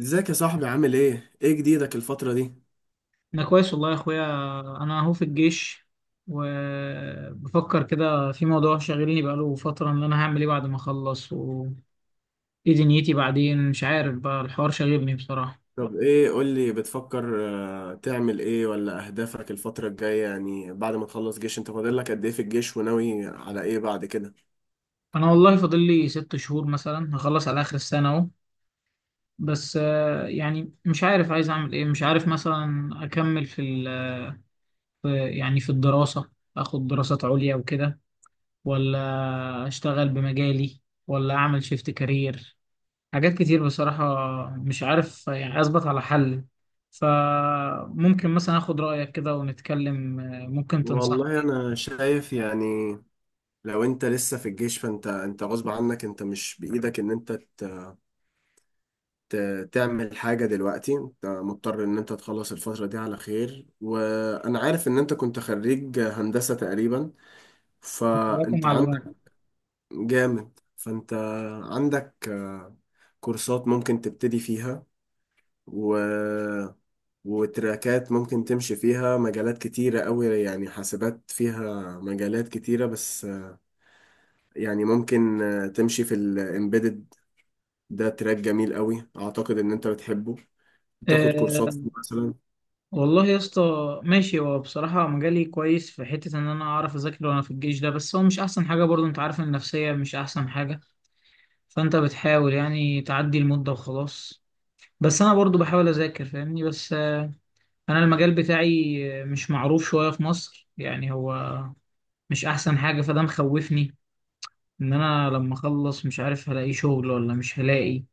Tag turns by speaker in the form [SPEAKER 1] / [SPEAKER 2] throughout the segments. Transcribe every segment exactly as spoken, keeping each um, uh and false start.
[SPEAKER 1] ازيك يا صاحبي عامل ايه؟ ايه جديدك الفترة دي؟
[SPEAKER 2] انا كويس والله يا اخويا. انا اهو في الجيش. وبفكر كده في موضوع شاغلني بقاله فترة ان انا هعمل ايه بعد ما اخلص وايه دنيتي بعدين. مش عارف بقى الحوار شاغلني بصراحة.
[SPEAKER 1] طب ايه قولي بتفكر. آه، تعمل ايه ولا اهدافك الفترة الجاية، يعني بعد ما تخلص جيش انت فاضل لك قد ايه في الجيش وناوي على ايه بعد كده؟
[SPEAKER 2] انا والله فاضل لي ست شهور مثلا هخلص على اخر السنة اهو. بس آه، يعني مش عارف عايز اعمل ايه. مش عارف مثلا اكمل في ال في- يعني في الدراسة. اخد دراسات عليا وكده، ولا اشتغل بمجالي، ولا اعمل شيفت كارير. حاجات كتير بصراحة. مش عارف يعني أثبت على حل. فممكن مثلا آخد رأيك كده ونتكلم، آه، ممكن
[SPEAKER 1] والله
[SPEAKER 2] تنصحني
[SPEAKER 1] انا شايف يعني، لو انت لسه في الجيش فانت انت غصب عنك، انت مش بايدك ان انت ت- ت- تعمل حاجة دلوقتي، انت مضطر ان انت تخلص الفترة دي على خير، وانا عارف ان انت كنت خريج هندسة تقريبا،
[SPEAKER 2] تنصحني
[SPEAKER 1] فانت
[SPEAKER 2] معلومات.
[SPEAKER 1] جامد. فانت عندك آه، كورسات ممكن تبتدي فيها و... وتراكات ممكن تمشي فيها، مجالات كتيرة قوي يعني، حاسبات فيها مجالات كتيرة بس آه، يعني ممكن آه، تمشي في الامبيدد، ده تراك جميل قوي اعتقد ان انت بتحبه. تاخد كورسات فيه
[SPEAKER 2] أه،
[SPEAKER 1] مثلا.
[SPEAKER 2] والله يا اسطى. ماشي، هو بصراحة مجالي كويس في حتة إن أنا أعرف أذاكر وأنا في الجيش ده، بس هو مش أحسن حاجة برضو. أنت عارف إن النفسية مش أحسن حاجة. فأنت بتحاول يعني تعدي المدة وخلاص. بس أنا برضو بحاول أذاكر فاهمني. بس آه، أنا المجال بتاعي آه، مش معروف شوية في مصر يعني. هو مش أحسن حاجة فده مخوفني. ان انا لما اخلص مش عارف هلاقي شغل ولا مش هلاقي.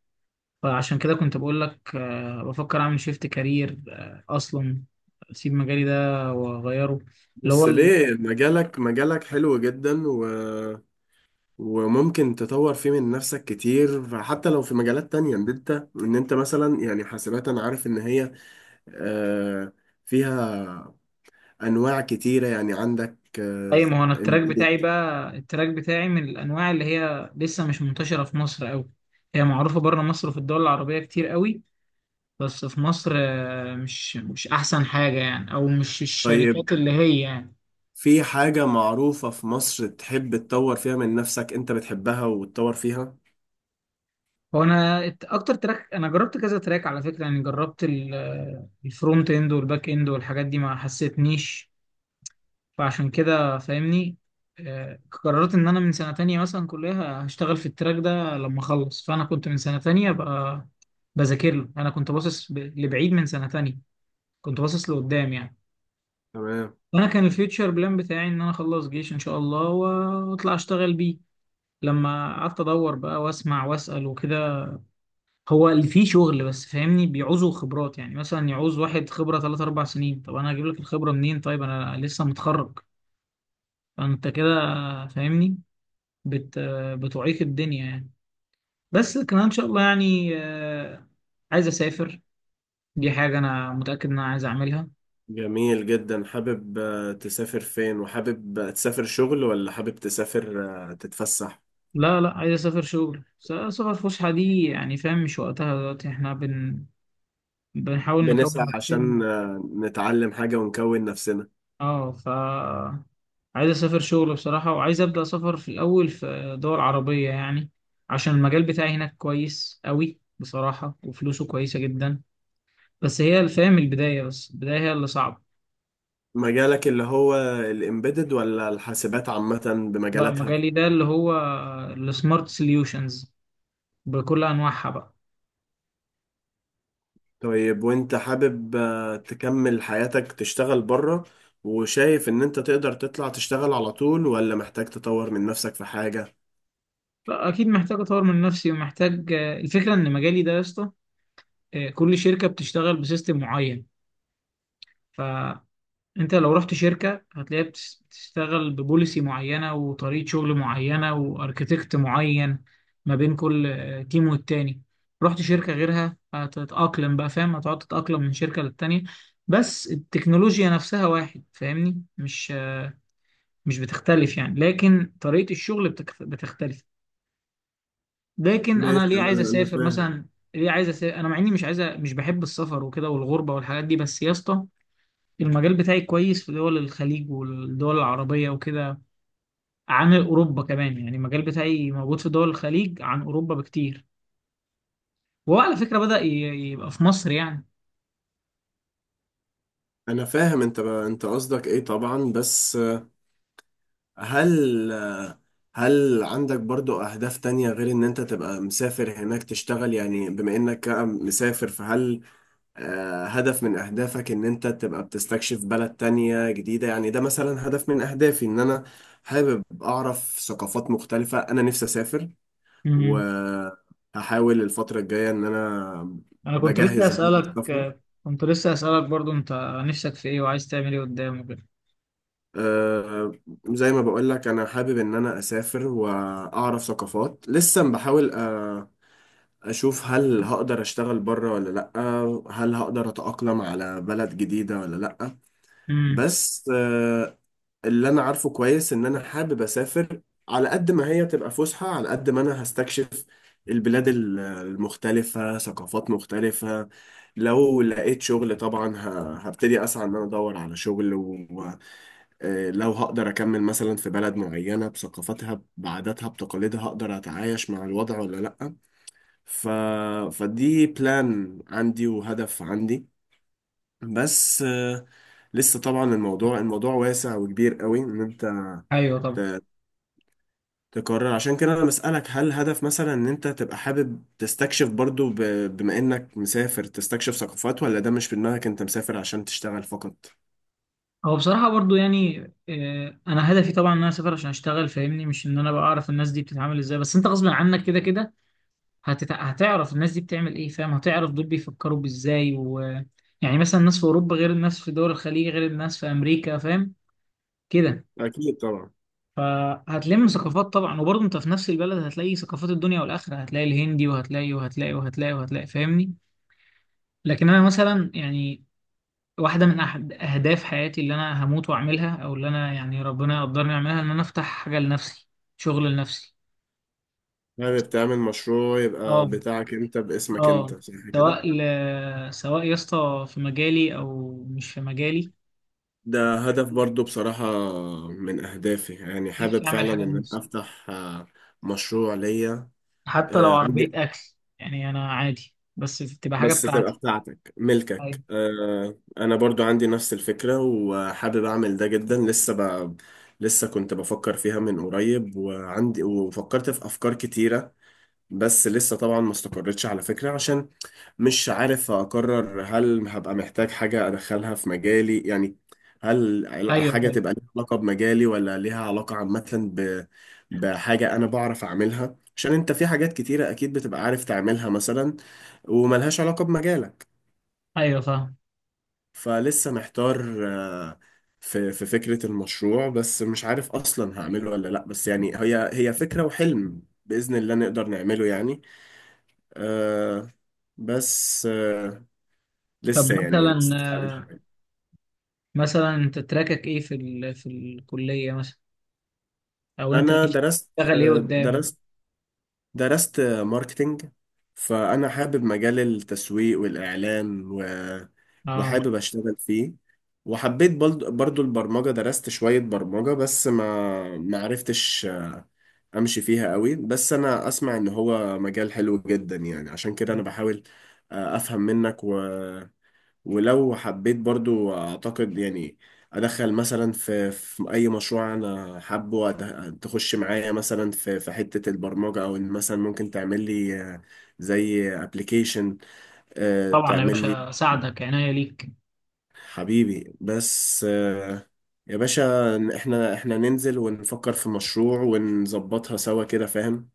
[SPEAKER 2] فعشان كده كنت بقول لك، آه، بفكر اعمل شيفت كارير، آه، اصلا اسيب مجالي ده واغيره. اللي هو
[SPEAKER 1] بس
[SPEAKER 2] ال-
[SPEAKER 1] ليه؟ مجالك مجالك حلو جدا و وممكن تطور فيه من نفسك كتير، فحتى لو في مجالات تانية ان انت ان انت مثلا، يعني حاسبات انا عارف ان هي آه، فيها انواع كتيرة، يعني عندك آه،
[SPEAKER 2] اي ما هو انا التراك بتاعي
[SPEAKER 1] embedded.
[SPEAKER 2] بقى التراك بتاعي من الانواع اللي هي لسه مش منتشره في مصر قوي. هي معروفه بره مصر وفي الدول العربيه كتير قوي. بس في مصر آه، مش مش احسن حاجه يعني، او مش
[SPEAKER 1] طيب،
[SPEAKER 2] الشركات اللي هي يعني.
[SPEAKER 1] في حاجة معروفة في مصر تحب تطور فيها من نفسك، انت بتحبها وتطور فيها؟
[SPEAKER 2] هو انا الت- اكتر تراك، انا جربت كذا تراك على فكره يعني، جربت ال- الفرونت اند والباك اند والحاجات دي ما حسيتنيش. فعشان كده فاهمني، آه، قررت ان انا من سنه تانية مثلا كلها هشتغل في التراك ده لما اخلص. فانا كنت من سنه تانية بقى بذاكر له. انا كنت باصص ب- لبعيد من سنه تانية، كنت باصص لقدام يعني.
[SPEAKER 1] تمام.
[SPEAKER 2] انا كان الفيوتشر بلان بتاعي ان انا اخلص جيش ان شاء الله واطلع اشتغل بيه. لما قعدت ادور بقى واسمع واسال وكده، هو اللي فيه شغل بس فاهمني بيعوزوا خبرات. يعني مثلا يعوز واحد خبرة تلاتة اربع سنين. طب انا هجيب لك الخبرة منين؟ طيب انا لسه متخرج. فانت كده فاهمني، بت بتعيق الدنيا يعني. بس كمان ان شاء الله يعني، آه، عايز اسافر. دي حاجة انا متأكد ان انا عايز اعملها.
[SPEAKER 1] جميل جدا. حابب آه، تسافر فين؟ وحابب آه، تسافر شغل ولا حابب تسافر آه، تتفسح؟
[SPEAKER 2] لا لا، عايز اسافر شغل، س- سفر فسحة دي يعني فاهم مش وقتها دلوقتي. احنا بن بنحاول نكون
[SPEAKER 1] بنسعى
[SPEAKER 2] نفسنا.
[SPEAKER 1] عشان آه، نتعلم حاجة ونكون نفسنا.
[SPEAKER 2] اه ف عايز اسافر شغل بصراحة. وعايز ابدأ سفر في الاول في دول عربية يعني، عشان المجال بتاعي هناك كويس قوي بصراحة وفلوسه كويسة جدا. بس هي الفهم البداية، بس البداية هي اللي صعبة.
[SPEAKER 1] مجالك اللي هو الامبيدد ولا الحاسبات عامة
[SPEAKER 2] لا،
[SPEAKER 1] بمجالاتها؟
[SPEAKER 2] مجالي ده اللي هو السمارت سوليوشنز بكل انواعها بقى.
[SPEAKER 1] طيب، وانت حابب آه، تكمل حياتك تشتغل بره، وشايف ان انت تقدر تطلع تشتغل على طول ولا محتاج تطور من نفسك في حاجة؟
[SPEAKER 2] لا اكيد محتاج اطور من نفسي، ومحتاج الفكرة ان مجالي ده يا اسطى، آه، كل شركة بتشتغل بسيستم معين. انت لو رحت شركة هتلاقيها بتس- بتشتغل ببوليسي معينة وطريقة شغل معينة واركتكت معين، ما بين كل آه، تيم والتاني. رحت شركة غيرها هتتأقلم بقى فاهم، هتقعد تتأقلم من شركة للتانية. بس التكنولوجيا نفسها واحد فاهمني، مش آه، مش بتختلف يعني، لكن طريقة الشغل بتك- بتختلف. لكن انا
[SPEAKER 1] ماشي،
[SPEAKER 2] ليه
[SPEAKER 1] انا
[SPEAKER 2] عايز
[SPEAKER 1] انا
[SPEAKER 2] اسافر
[SPEAKER 1] فاهم.
[SPEAKER 2] مثلا؟ ليه عايز اسافر انا مع اني مش عايز أ- مش بحب السفر وكده والغربة والحاجات دي، بس يا اسطى المجال بتاعي كويس في دول الخليج والدول العربية وكده عن أوروبا كمان. يعني المجال بتاعي موجود في دول الخليج عن أوروبا بكتير. وهو على فكرة بدأ ي- يبقى في مصر يعني.
[SPEAKER 1] انا فاهم. انت بقى انت قصدك ايه طبعا، بس آه، هل آه، هل عندك برضو اهداف تانية غير ان انت تبقى مسافر هناك تشتغل؟ يعني بما انك مسافر، فهل آه، هدف من أهدافك إن أنت تبقى بتستكشف بلد تانية جديدة؟ يعني ده مثلا هدف من أهدافي، إن أنا حابب أعرف ثقافات مختلفة، أنا نفسي أسافر.
[SPEAKER 2] امم
[SPEAKER 1] وهحاول الفترة الجاية إن أنا
[SPEAKER 2] أنا كنت لسه
[SPEAKER 1] بجهز أبوك
[SPEAKER 2] أسألك
[SPEAKER 1] السفر.
[SPEAKER 2] كنت لسه أسألك برضو أنت نفسك في إيه وعايز تعمل إيه قدام وكده.
[SPEAKER 1] آه، زي ما بقول لك، أنا حابب إن أنا أسافر وأعرف ثقافات. لسه بحاول آه، أشوف هل هقدر أشتغل بره ولا لأ، هل هقدر أتأقلم على بلد جديدة ولا لأ.
[SPEAKER 2] امم
[SPEAKER 1] بس آه، اللي انا عارفه كويس ان انا حابب اسافر، على قد ما هي تبقى فسحة على قد ما انا هستكشف البلاد ال- المختلفة، ثقافات مختلفة. لو لقيت شغل طبعا ه- هبتدي اسعى ان انا ادور على شغل، ولو هقدر اكمل مثلا في بلد معينة بثقافتها بعاداتها بتقاليدها، هقدر اتعايش مع الوضع ولا لا. ف... فدي بلان عندي وهدف عندي، بس آه، لسه طبعا الموضوع الموضوع واسع وكبير قوي ان انت
[SPEAKER 2] أيوه طبعا.
[SPEAKER 1] ت- تقرر. عشان كده انا بسألك، هل هدف مثلا ان انت تبقى حابب تستكشف برضو، ب- بما انك مسافر تستكشف ثقافات، ولا ده مش في دماغك، انت مسافر عشان تشتغل فقط؟
[SPEAKER 2] هو بصراحة برضو يعني، آه، أنا هدفي طبعا إن أنا أسافر عشان أشتغل فاهمني. مش إن أنا بقى أعرف الناس دي بتتعامل إزاي، بس أنت غصب عنك كده كده هتت... هتعرف الناس دي بتعمل ايه فاهم، هتعرف دول بيفكروا بازاي و... يعني مثلا الناس في اوروبا غير الناس في دول الخليج غير الناس في امريكا فاهم كده.
[SPEAKER 1] أكيد طبعا.
[SPEAKER 2] فهتلم ثقافات طبعا، وبرضه انت في نفس البلد هتلاقي ثقافات الدنيا والاخره، هتلاقي الهندي وهتلاقي وهتلاقي وهتلاقي وهتلاقي فاهمني. لكن انا مثلا يعني واحده من احد اهداف حياتي اللي انا هموت واعملها، او اللي انا يعني ربنا يقدرني اعملها، ان انا افتح حاجه لنفسي، شغل لنفسي.
[SPEAKER 1] حابب تعمل مشروع يبقى
[SPEAKER 2] اه.
[SPEAKER 1] بتاعك أنت، باسمك أنت،
[SPEAKER 2] اه.
[SPEAKER 1] صح كده؟
[SPEAKER 2] سواء ل... سواء يا اسطى في مجالي او مش في مجالي،
[SPEAKER 1] ده هدف برضو بصراحة من أهدافي، يعني
[SPEAKER 2] نفسي
[SPEAKER 1] حابب
[SPEAKER 2] اعمل
[SPEAKER 1] فعلا
[SPEAKER 2] حاجه
[SPEAKER 1] إن أنا
[SPEAKER 2] لنفسي،
[SPEAKER 1] أفتح آه، مشروع ليا.
[SPEAKER 2] حتى لو
[SPEAKER 1] آه،
[SPEAKER 2] عربيه
[SPEAKER 1] عندي،
[SPEAKER 2] اكل يعني. انا عادي بس تبقى حاجه
[SPEAKER 1] بس تبقى
[SPEAKER 2] بتاعتي.
[SPEAKER 1] بتاعتك ملكك.
[SPEAKER 2] ايوه.
[SPEAKER 1] آه، انا برضو عندي نفس الفكرة وحابب اعمل ده جدا. لسه ب... لسه كنت بفكر فيها من قريب، وعندي، وفكرت في افكار كتيرة بس لسه طبعا ما استقرتش على فكرة، عشان مش عارف أقرر هل هبقى محتاج حاجة أدخلها في مجالي، يعني هل عل-
[SPEAKER 2] ايوه
[SPEAKER 1] حاجة
[SPEAKER 2] فاهم.
[SPEAKER 1] تبقى ليها علاقة بمجالي ولا ليها علاقة عامة ب... بحاجة أنا بعرف أعملها. عشان أنت في حاجات كتيرة أكيد بتبقى عارف تعملها مثلا، وملهاش علاقة بمجالك.
[SPEAKER 2] ايوه فاهم.
[SPEAKER 1] فلسه محتار آه، في في فكرة المشروع، بس مش عارف أصلا هعمله ولا لأ. بس يعني هي هي فكرة وحلم، بإذن الله نقدر نعمله يعني. آه، بس آه،
[SPEAKER 2] طب
[SPEAKER 1] لسه يعني
[SPEAKER 2] مثلا
[SPEAKER 1] لسه عليه شوية.
[SPEAKER 2] مثلا انت تراكك ايه في ال... في الكليه مثلا، او انت
[SPEAKER 1] انا
[SPEAKER 2] نفسك
[SPEAKER 1] درست،
[SPEAKER 2] تشتغل ايه
[SPEAKER 1] آه
[SPEAKER 2] قدام؟
[SPEAKER 1] درست، درست آه، ماركتينج. فانا حابب مجال التسويق والاعلام و...
[SPEAKER 2] اه
[SPEAKER 1] وحابب اشتغل فيه. وحبيت برضو، برضو البرمجة، درست شوية برمجة بس ما ما عرفتش آه، امشي فيها قوي، بس انا اسمع ان هو مجال حلو جدا، يعني عشان كده انا بحاول آه، افهم منك و... ولو حبيت برضو اعتقد يعني ادخل مثلا في, في اي مشروع، انا حابه أد- تخش معايا مثلا في في حتة البرمجة، او ان مثلا ممكن تعمل لي آه، زي ابلكيشن
[SPEAKER 2] طبعا يا
[SPEAKER 1] تعمل لي.
[SPEAKER 2] باشا، اساعدك عناية ليك.
[SPEAKER 1] حبيبي، بس آه، يا باشا احنا احنا ننزل ونفكر في مشروع ونظبطها سوا كده، فاهم؟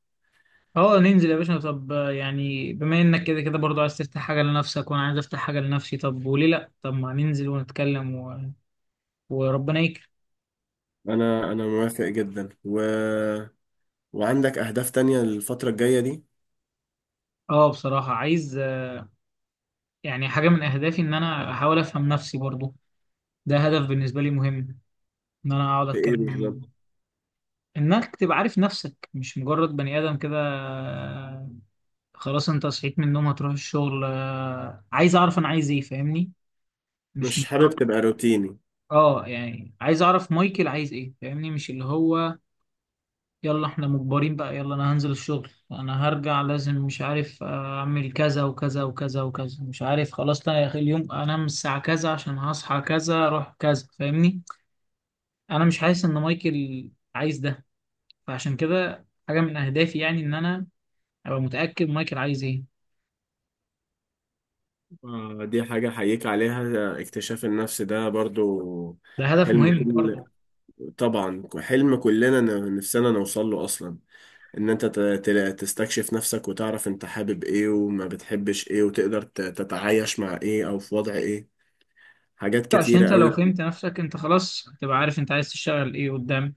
[SPEAKER 2] اه، ننزل يا باشا. طب آه، يعني بما انك كده كده برضو عايز تفتح حاجة لنفسك وانا عايز افتح حاجة لنفسي، طب وليه لا؟ طب ما ننزل ونتكلم و... وربنا يكرم.
[SPEAKER 1] انا انا موافق جدا. و... وعندك اهداف تانية الفترة الجاية دي؟
[SPEAKER 2] اه بصراحة عايز، آه، يعني حاجة من اهدافي ان انا احاول افهم نفسي برضو. ده هدف بالنسبة لي مهم، ان انا اقعد
[SPEAKER 1] في ايه
[SPEAKER 2] اتكلم
[SPEAKER 1] بالظبط؟
[SPEAKER 2] انك تبقى عارف نفسك مش مجرد بني ادم كده، آه، خلاص انت صحيت من النوم هتروح الشغل، آه، عايز اعرف انا عايز ايه فاهمني، مش
[SPEAKER 1] مش حابب
[SPEAKER 2] مجرد.
[SPEAKER 1] تبقى روتيني؟
[SPEAKER 2] اه، يعني عايز اعرف مايكل عايز ايه فاهمني، مش اللي هو يلا احنا مجبرين بقى، يلا انا هنزل الشغل، انا هرجع، لازم مش عارف اعمل كذا وكذا وكذا وكذا، مش عارف خلاص. لا يا اخي اليوم انام الساعة كذا عشان هصحى كذا اروح كذا فاهمني. انا مش حاسس ان مايكل عايز ده. فعشان كده حاجة من اهدافي يعني ان انا ابقى متأكد مايكل عايز ايه.
[SPEAKER 1] آه، دي حاجة أحييك عليها، اكتشاف النفس ده برضو
[SPEAKER 2] ده هدف
[SPEAKER 1] حلم
[SPEAKER 2] مهم برضه.
[SPEAKER 1] كل، طبعا حلم كلنا، ن- نفسنا نوصل له أصلا، إن أنت ت- ت- تستكشف نفسك وتعرف أنت حابب إيه وما بتحبش إيه، وتقدر ت- تتعايش مع إيه أو في وضع إيه. حاجات
[SPEAKER 2] عشان
[SPEAKER 1] كتيرة
[SPEAKER 2] انت لو
[SPEAKER 1] قوي.
[SPEAKER 2] فهمت نفسك انت خلاص هتبقى عارف انت عايز تشتغل ايه قدام،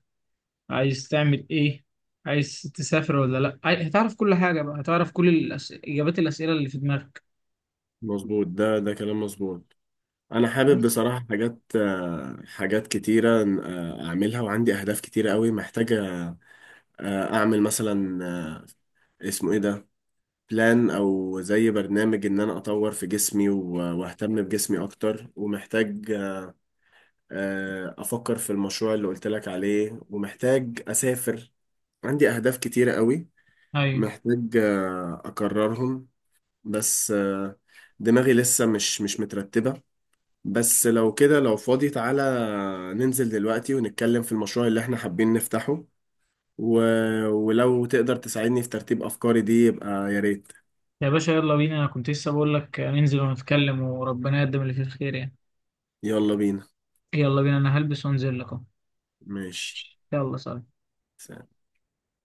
[SPEAKER 2] عايز تعمل ايه، عايز تسافر ولا لا، عاي- هتعرف كل حاجة بقى، هتعرف كل الأس... اجابات الاسئلة اللي في دماغك.
[SPEAKER 1] مظبوط، ده ده كلام مظبوط. أنا حابب
[SPEAKER 2] بس.
[SPEAKER 1] بصراحة حاجات آه، حاجات كتيرة آه، أعملها، وعندي أهداف كتيرة قوي محتاجة آه، أعمل مثلا آه، اسمه إيه ده، بلان او زي برنامج ان انا اطور في جسمي و- واهتم بجسمي اكتر، ومحتاج آه، افكر في المشروع اللي قلت لك عليه، ومحتاج اسافر. عندي اهداف كتيرة قوي
[SPEAKER 2] ايوه
[SPEAKER 1] محتاج آه، اكررهم، بس آه، دماغي لسه مش مش مترتبة. بس لو كده لو فاضي تعالى ننزل دلوقتي ونتكلم في المشروع اللي احنا حابين نفتحه، و... ولو تقدر تساعدني في ترتيب افكاري دي يبقى يا ريت.
[SPEAKER 2] يا باشا، يلا بينا. انا كنت لسه بقول لك ننزل ونتكلم، وربنا يقدم اللي فيه الخير يعني.
[SPEAKER 1] يلا بينا.
[SPEAKER 2] يلا بينا، انا هلبس وانزل لك اهو.
[SPEAKER 1] ماشي.
[SPEAKER 2] يلا سلام.
[SPEAKER 1] سلام.